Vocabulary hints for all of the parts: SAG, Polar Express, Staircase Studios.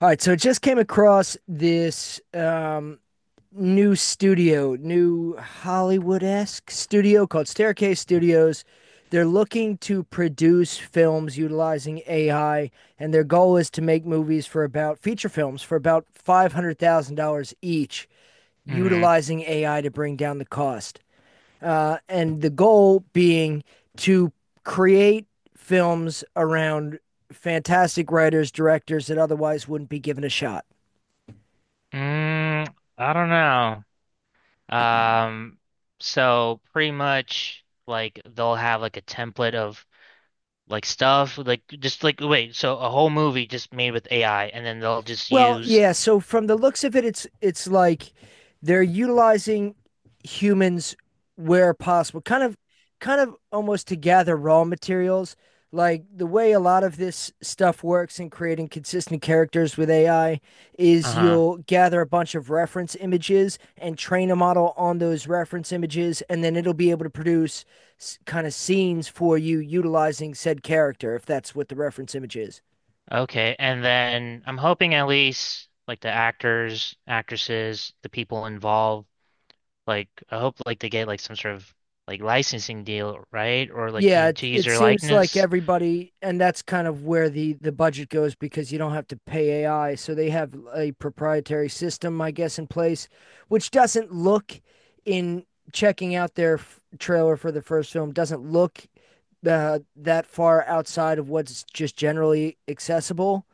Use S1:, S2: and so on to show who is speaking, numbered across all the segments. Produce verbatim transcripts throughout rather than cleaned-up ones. S1: All right, so I just came across this um, new studio, new Hollywood-esque studio called Staircase Studios. They're looking to produce films utilizing A I, and their goal is to make movies for about feature films for about five hundred thousand dollars each,
S2: Hmm.
S1: utilizing A I to bring down the cost. Uh, and the goal being to create films around fantastic writers, directors that otherwise wouldn't be given a shot.
S2: Mm, I don't know. Um, so pretty much like they'll have like a template of like stuff like just like wait, so a whole movie just made with A I and then they'll just
S1: Well,
S2: use.
S1: yeah, so from the looks of it, it's it's like they're utilizing humans where possible, kind of kind of almost to gather raw materials. Like the way a lot of this stuff works in creating consistent characters with A I is
S2: Uh-huh.
S1: you'll gather a bunch of reference images and train a model on those reference images, and then it'll be able to produce kind of scenes for you utilizing said character if that's what the reference image is.
S2: Okay, and then I'm hoping at least like the actors, actresses, the people involved, like I hope like they get like some sort of like licensing deal, right? Or like, you
S1: Yeah,
S2: know,
S1: it,
S2: to use
S1: it
S2: their
S1: seems like
S2: likeness.
S1: everybody, and that's kind of where the the budget goes because you don't have to pay A I. So they have a proprietary system, I guess, in place, which doesn't look in checking out their f- trailer for the first film doesn't look uh, that far outside of what's just generally accessible.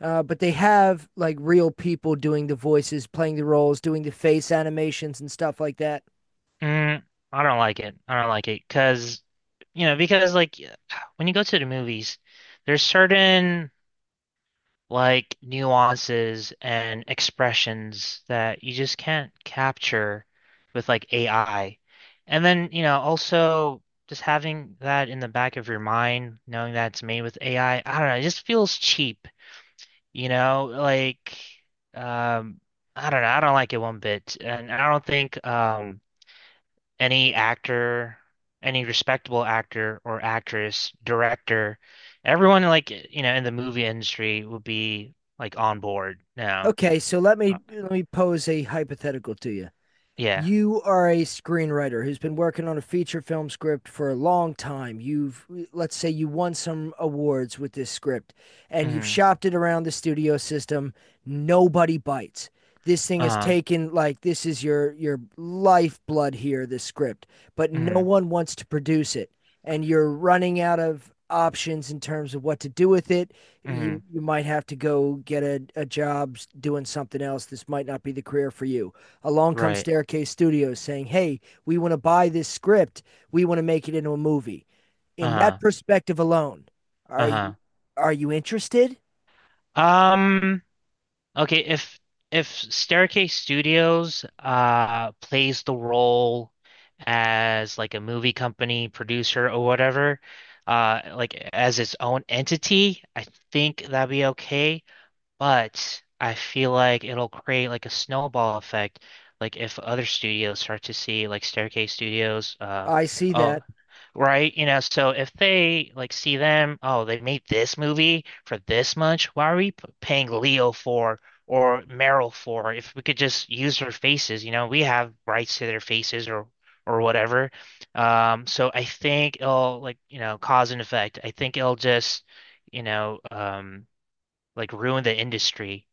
S1: Uh, but they have like real people doing the voices, playing the roles, doing the face animations and stuff like that.
S2: Mm, I don't like it. I don't like it because, you know, because like when you go to the movies, there's certain like nuances and expressions that you just can't capture with like A I. And then, you know, also just having that in the back of your mind, knowing that it's made with A I, I I don't know, it just feels cheap, you know, like um I don't know, I don't like it one bit. And I don't think um any actor, any respectable actor or actress, director, everyone like you know in the movie industry would be like on board now.
S1: Okay, so let
S2: Uh,
S1: me let me pose a hypothetical to you.
S2: yeah.
S1: You are a screenwriter who's been working on a feature film script for a long time. You've, let's say, you won some awards with this script and you've
S2: Hmm.
S1: shopped it around the studio system. Nobody bites. This thing is
S2: Uh-huh.
S1: taken like this is your your lifeblood here, this script, but no
S2: Hmm.
S1: one wants to produce it. And you're running out of options in terms of what to do with it.
S2: Hmm.
S1: You, you might have to go get a, a job doing something else. This might not be the career for you. Along comes
S2: Right.
S1: Staircase Studios saying, "Hey, we want to buy this script. We want to make it into a movie." In that
S2: Uh-huh.
S1: perspective alone, are you
S2: Uh-huh.
S1: are you interested?
S2: Um, okay, if if Staircase Studios uh plays the role as like a movie company producer or whatever, uh like as its own entity, I think that'd be okay. But I feel like it'll create like a snowball effect. Like if other studios start to see like Staircase Studios, uh,
S1: I see that,
S2: Oh, right. You know, so if they like see them, oh, they made this movie for this much. Why are we p- paying Leo for or Meryl for if we could just use their faces? You know, we have rights to their faces or or whatever. Um, so I think it'll like, you know, cause and effect. I think it'll just, you know, um, like ruin the industry,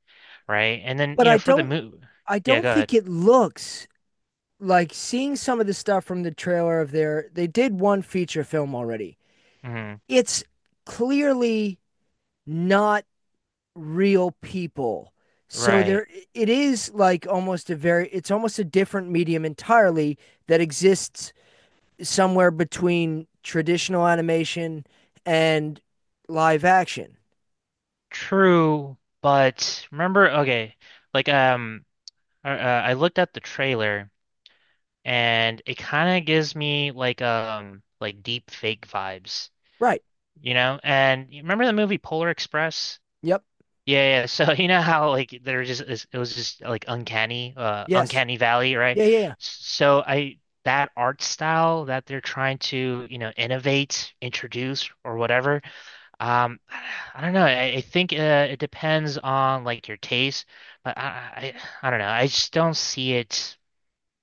S2: right? And then,
S1: but
S2: you know,
S1: I
S2: for the
S1: don't
S2: move,
S1: I
S2: yeah,
S1: don't
S2: go ahead.
S1: think it looks like seeing some of the stuff from the trailer of their they did one feature film already.
S2: Hmm.
S1: It's clearly not real people. So
S2: Right.
S1: there it is like almost a very it's almost a different medium entirely that exists somewhere between traditional animation and live action.
S2: True, but remember, okay, like um uh, uh, I looked at the trailer and it kind of gives me like um like deep fake vibes,
S1: Right.
S2: you know? And you remember the movie Polar Express?
S1: Yep.
S2: Yeah, yeah. So you know how like there was just is- it was just like uncanny, uh
S1: Yes.
S2: uncanny valley, right?
S1: Yeah, yeah, yeah.
S2: So I that art style that they're trying to, you know, innovate, introduce or whatever. Um, I don't know. I, I think uh, it depends on like your taste, but I, I I don't know. I just don't see it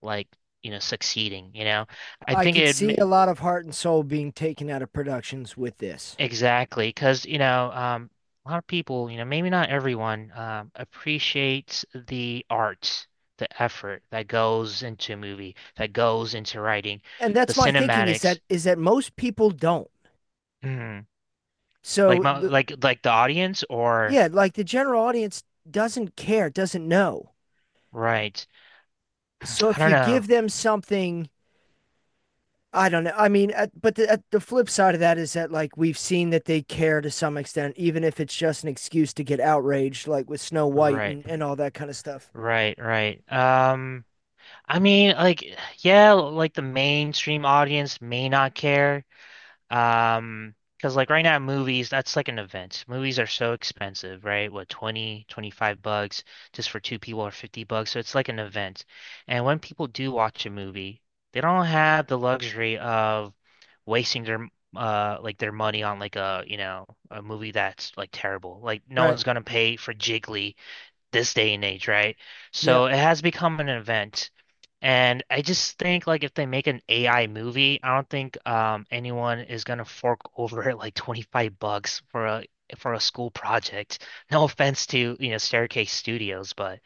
S2: like you know succeeding. You know, I
S1: I
S2: think
S1: could
S2: it ma-
S1: see a lot of heart and soul being taken out of productions with this.
S2: Exactly because you know um a lot of people you know maybe not everyone um appreciates the art, the effort that goes into a movie, that goes into writing,
S1: And
S2: the
S1: that's my thinking is
S2: cinematics.
S1: that is that most people don't.
S2: Mhm. Like
S1: So
S2: my
S1: the
S2: like like the audience or?
S1: yeah, like the general audience doesn't care, doesn't know.
S2: Right.
S1: So
S2: I
S1: if
S2: don't
S1: you
S2: know.
S1: give them something I don't know. I mean, at, but the, at the flip side of that is that like we've seen that they care to some extent, even if it's just an excuse to get outraged, like with Snow White
S2: Right.
S1: and, and all that kind of stuff.
S2: Right, right. Um, I mean, like, yeah, like the mainstream audience may not care. Um, because like right now, movies, that's like an event. Movies are so expensive, right? What, twenty, twenty-five bucks just for two people or fifty bucks. So it's like an event. And when people do watch a movie, they don't have the luxury of wasting their uh like their money on like a, you know, a movie that's like terrible. Like no
S1: Right.
S2: one's gonna pay for Jiggly this day and age, right?
S1: Yeah.
S2: So it has become an event. And I just think like if they make an A I movie, I don't think um anyone is gonna fork over like twenty-five bucks for a for a school project. No offense to, you know, Staircase Studios, but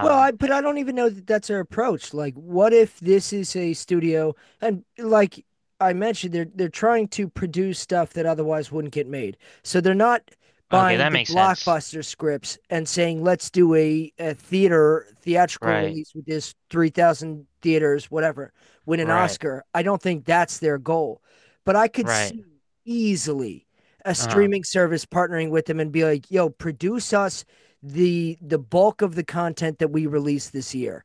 S1: Well, I but I don't even know that that's our approach. Like, what if this is a studio and like I mentioned, they're they're trying to produce stuff that otherwise wouldn't get made. So they're not
S2: okay,
S1: buying
S2: that
S1: the
S2: makes sense.
S1: blockbuster scripts and saying, let's do a, a theater theatrical
S2: Right.
S1: release with this three thousand theaters, whatever, win an
S2: Right.
S1: Oscar. I don't think that's their goal. But I could
S2: Right.
S1: see easily a
S2: Uh-huh.
S1: streaming service partnering with them and be like, yo, produce us the the bulk of the content that we release this year.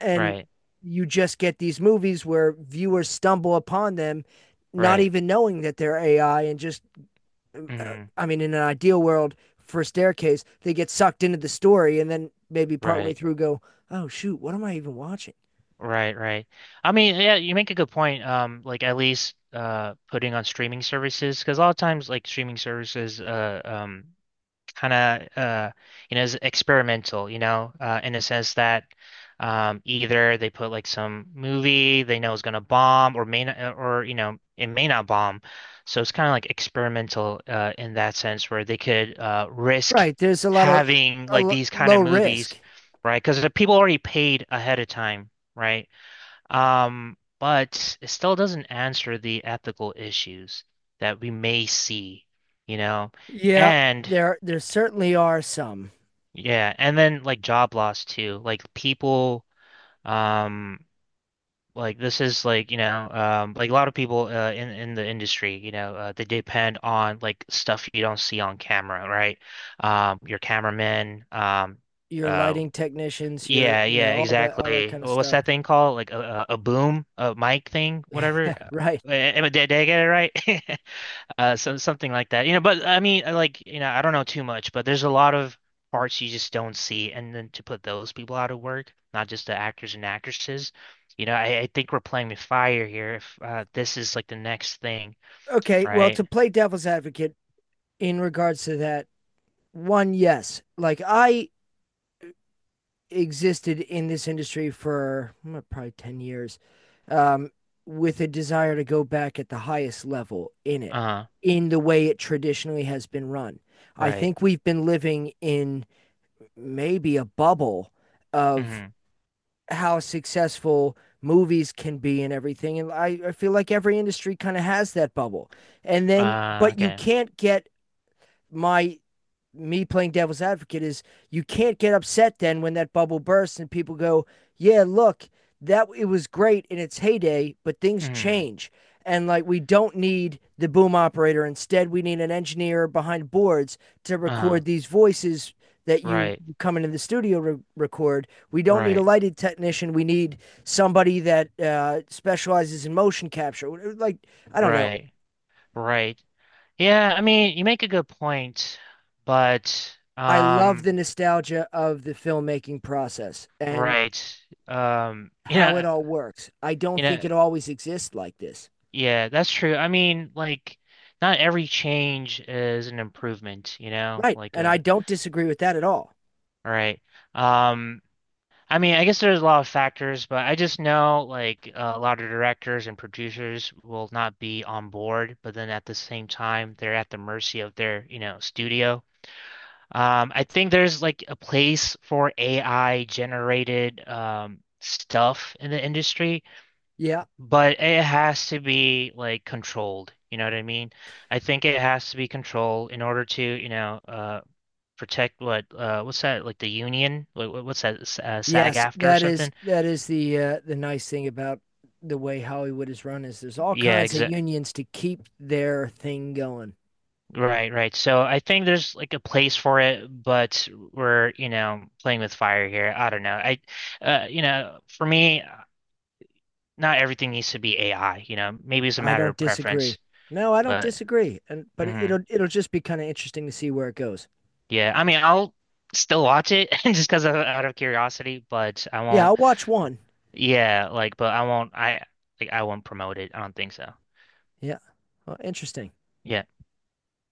S1: And
S2: Right.
S1: you just get these movies where viewers stumble upon them not
S2: Right.
S1: even knowing that they're A I and just uh,
S2: Hmm.
S1: I mean in an ideal world for staircase they get sucked into the story and then maybe partway
S2: Right.
S1: through go, "Oh shoot, what am I even watching?"
S2: Right, right. I mean, yeah, you make a good point. Um, like at least uh putting on streaming services because a lot of times like streaming services uh um kind of uh you know is experimental, you know, uh in a sense that um either they put like some movie they know is gonna bomb or may not uh, or you know it may not bomb. So it's kind of like experimental uh in that sense where they could uh risk
S1: Right, there's a lot of
S2: having
S1: a
S2: like
S1: l-
S2: these kind
S1: low
S2: of movies,
S1: risk.
S2: right? Because the people already paid ahead of time. Right. Um, but it still doesn't answer the ethical issues that we may see, you know?
S1: Yeah,
S2: And
S1: there there certainly are some.
S2: yeah, and then like job loss too. Like people, um, like this is like, you know, um, like a lot of people uh, in in the industry, you know, uh, they depend on like stuff you don't see on camera, right? Um, your cameraman. um,
S1: Your
S2: uh,
S1: lighting technicians, your
S2: Yeah,
S1: you
S2: yeah,
S1: know all that all that
S2: exactly.
S1: kind of
S2: Wha- What's
S1: stuff.
S2: that thing called? Like a, a a boom, a mic thing, whatever. Uh,
S1: Right.
S2: Am I- did, did I get it right? Uh, so something like that. You know, but I mean, like, you know, I don't know too much, but there's a lot of parts you just don't see, and then to put those people out of work, not just the actors and actresses. You know, I, I think we're playing with fire here. If uh, this is like the next thing,
S1: Okay, well, to
S2: right?
S1: play devil's advocate in regards to that, one, yes, like I existed in this industry for mm, probably ten years um, with a desire to go back at the highest level in it,
S2: Uh,
S1: in the way it traditionally has been run. I
S2: right.
S1: think we've been living in maybe a bubble of
S2: Hmm.
S1: how successful movies can be and everything. And I, I feel like every industry kind of has that bubble. And then,
S2: Uh,
S1: but you
S2: okay.
S1: can't get my me playing devil's advocate is you can't get upset then when that bubble bursts and people go, yeah, look, that it was great in its heyday, but things
S2: Hmm.
S1: change. And like we don't need the boom operator. Instead, we need an engineer behind boards to
S2: Uh,
S1: record these voices that you
S2: right.
S1: come into the studio re- record. We don't need a
S2: Right.
S1: lighted technician. We need somebody that uh, specializes in motion capture. Like I don't know.
S2: Right. Right. Yeah, I mean, you make a good point, but
S1: I love
S2: um,
S1: the nostalgia of the filmmaking process, and
S2: right. Um, you
S1: how it
S2: know,
S1: all works. I don't
S2: you
S1: think
S2: know,
S1: it always exists like this.
S2: yeah, that's true. I mean, like, not every change is an improvement, you know,
S1: Right.
S2: like
S1: And
S2: uh
S1: I don't disagree with that at all.
S2: right. Um, I mean, I guess there's a lot of factors, but I just know like a lot of directors and producers will not be on board, but then at the same time, they're at the mercy of their, you know, studio. Um, I think there's like a place for A I generated um stuff in the industry,
S1: Yeah.
S2: but it has to be like controlled. You know what I mean? I think it has to be controlled in order to, you know, uh protect what uh what's that like the union? What, what- what's that S- uh, SAG
S1: Yes,
S2: after or
S1: that is
S2: something?
S1: that is the uh, the nice thing about the way Hollywood is run is there's all
S2: Yeah,
S1: kinds of
S2: exa
S1: unions to keep their thing going.
S2: right, right. So I think there's like a place for it, but we're, you know, playing with fire here. I don't know. I uh, you know, for me, not everything needs to be A I, you know. Maybe it's a
S1: I
S2: matter
S1: don't
S2: of preference,
S1: disagree. No, I don't
S2: but
S1: disagree. And but it-
S2: hmm
S1: will it'll just be kind of interesting to see where it goes.
S2: yeah. I mean, I'll still watch it just because of out of curiosity, but I
S1: Yeah,
S2: won't.
S1: I'll watch one.
S2: Yeah, like, but I won't. I Like I won't promote it. I don't think so.
S1: Yeah. Well, interesting.
S2: Yeah.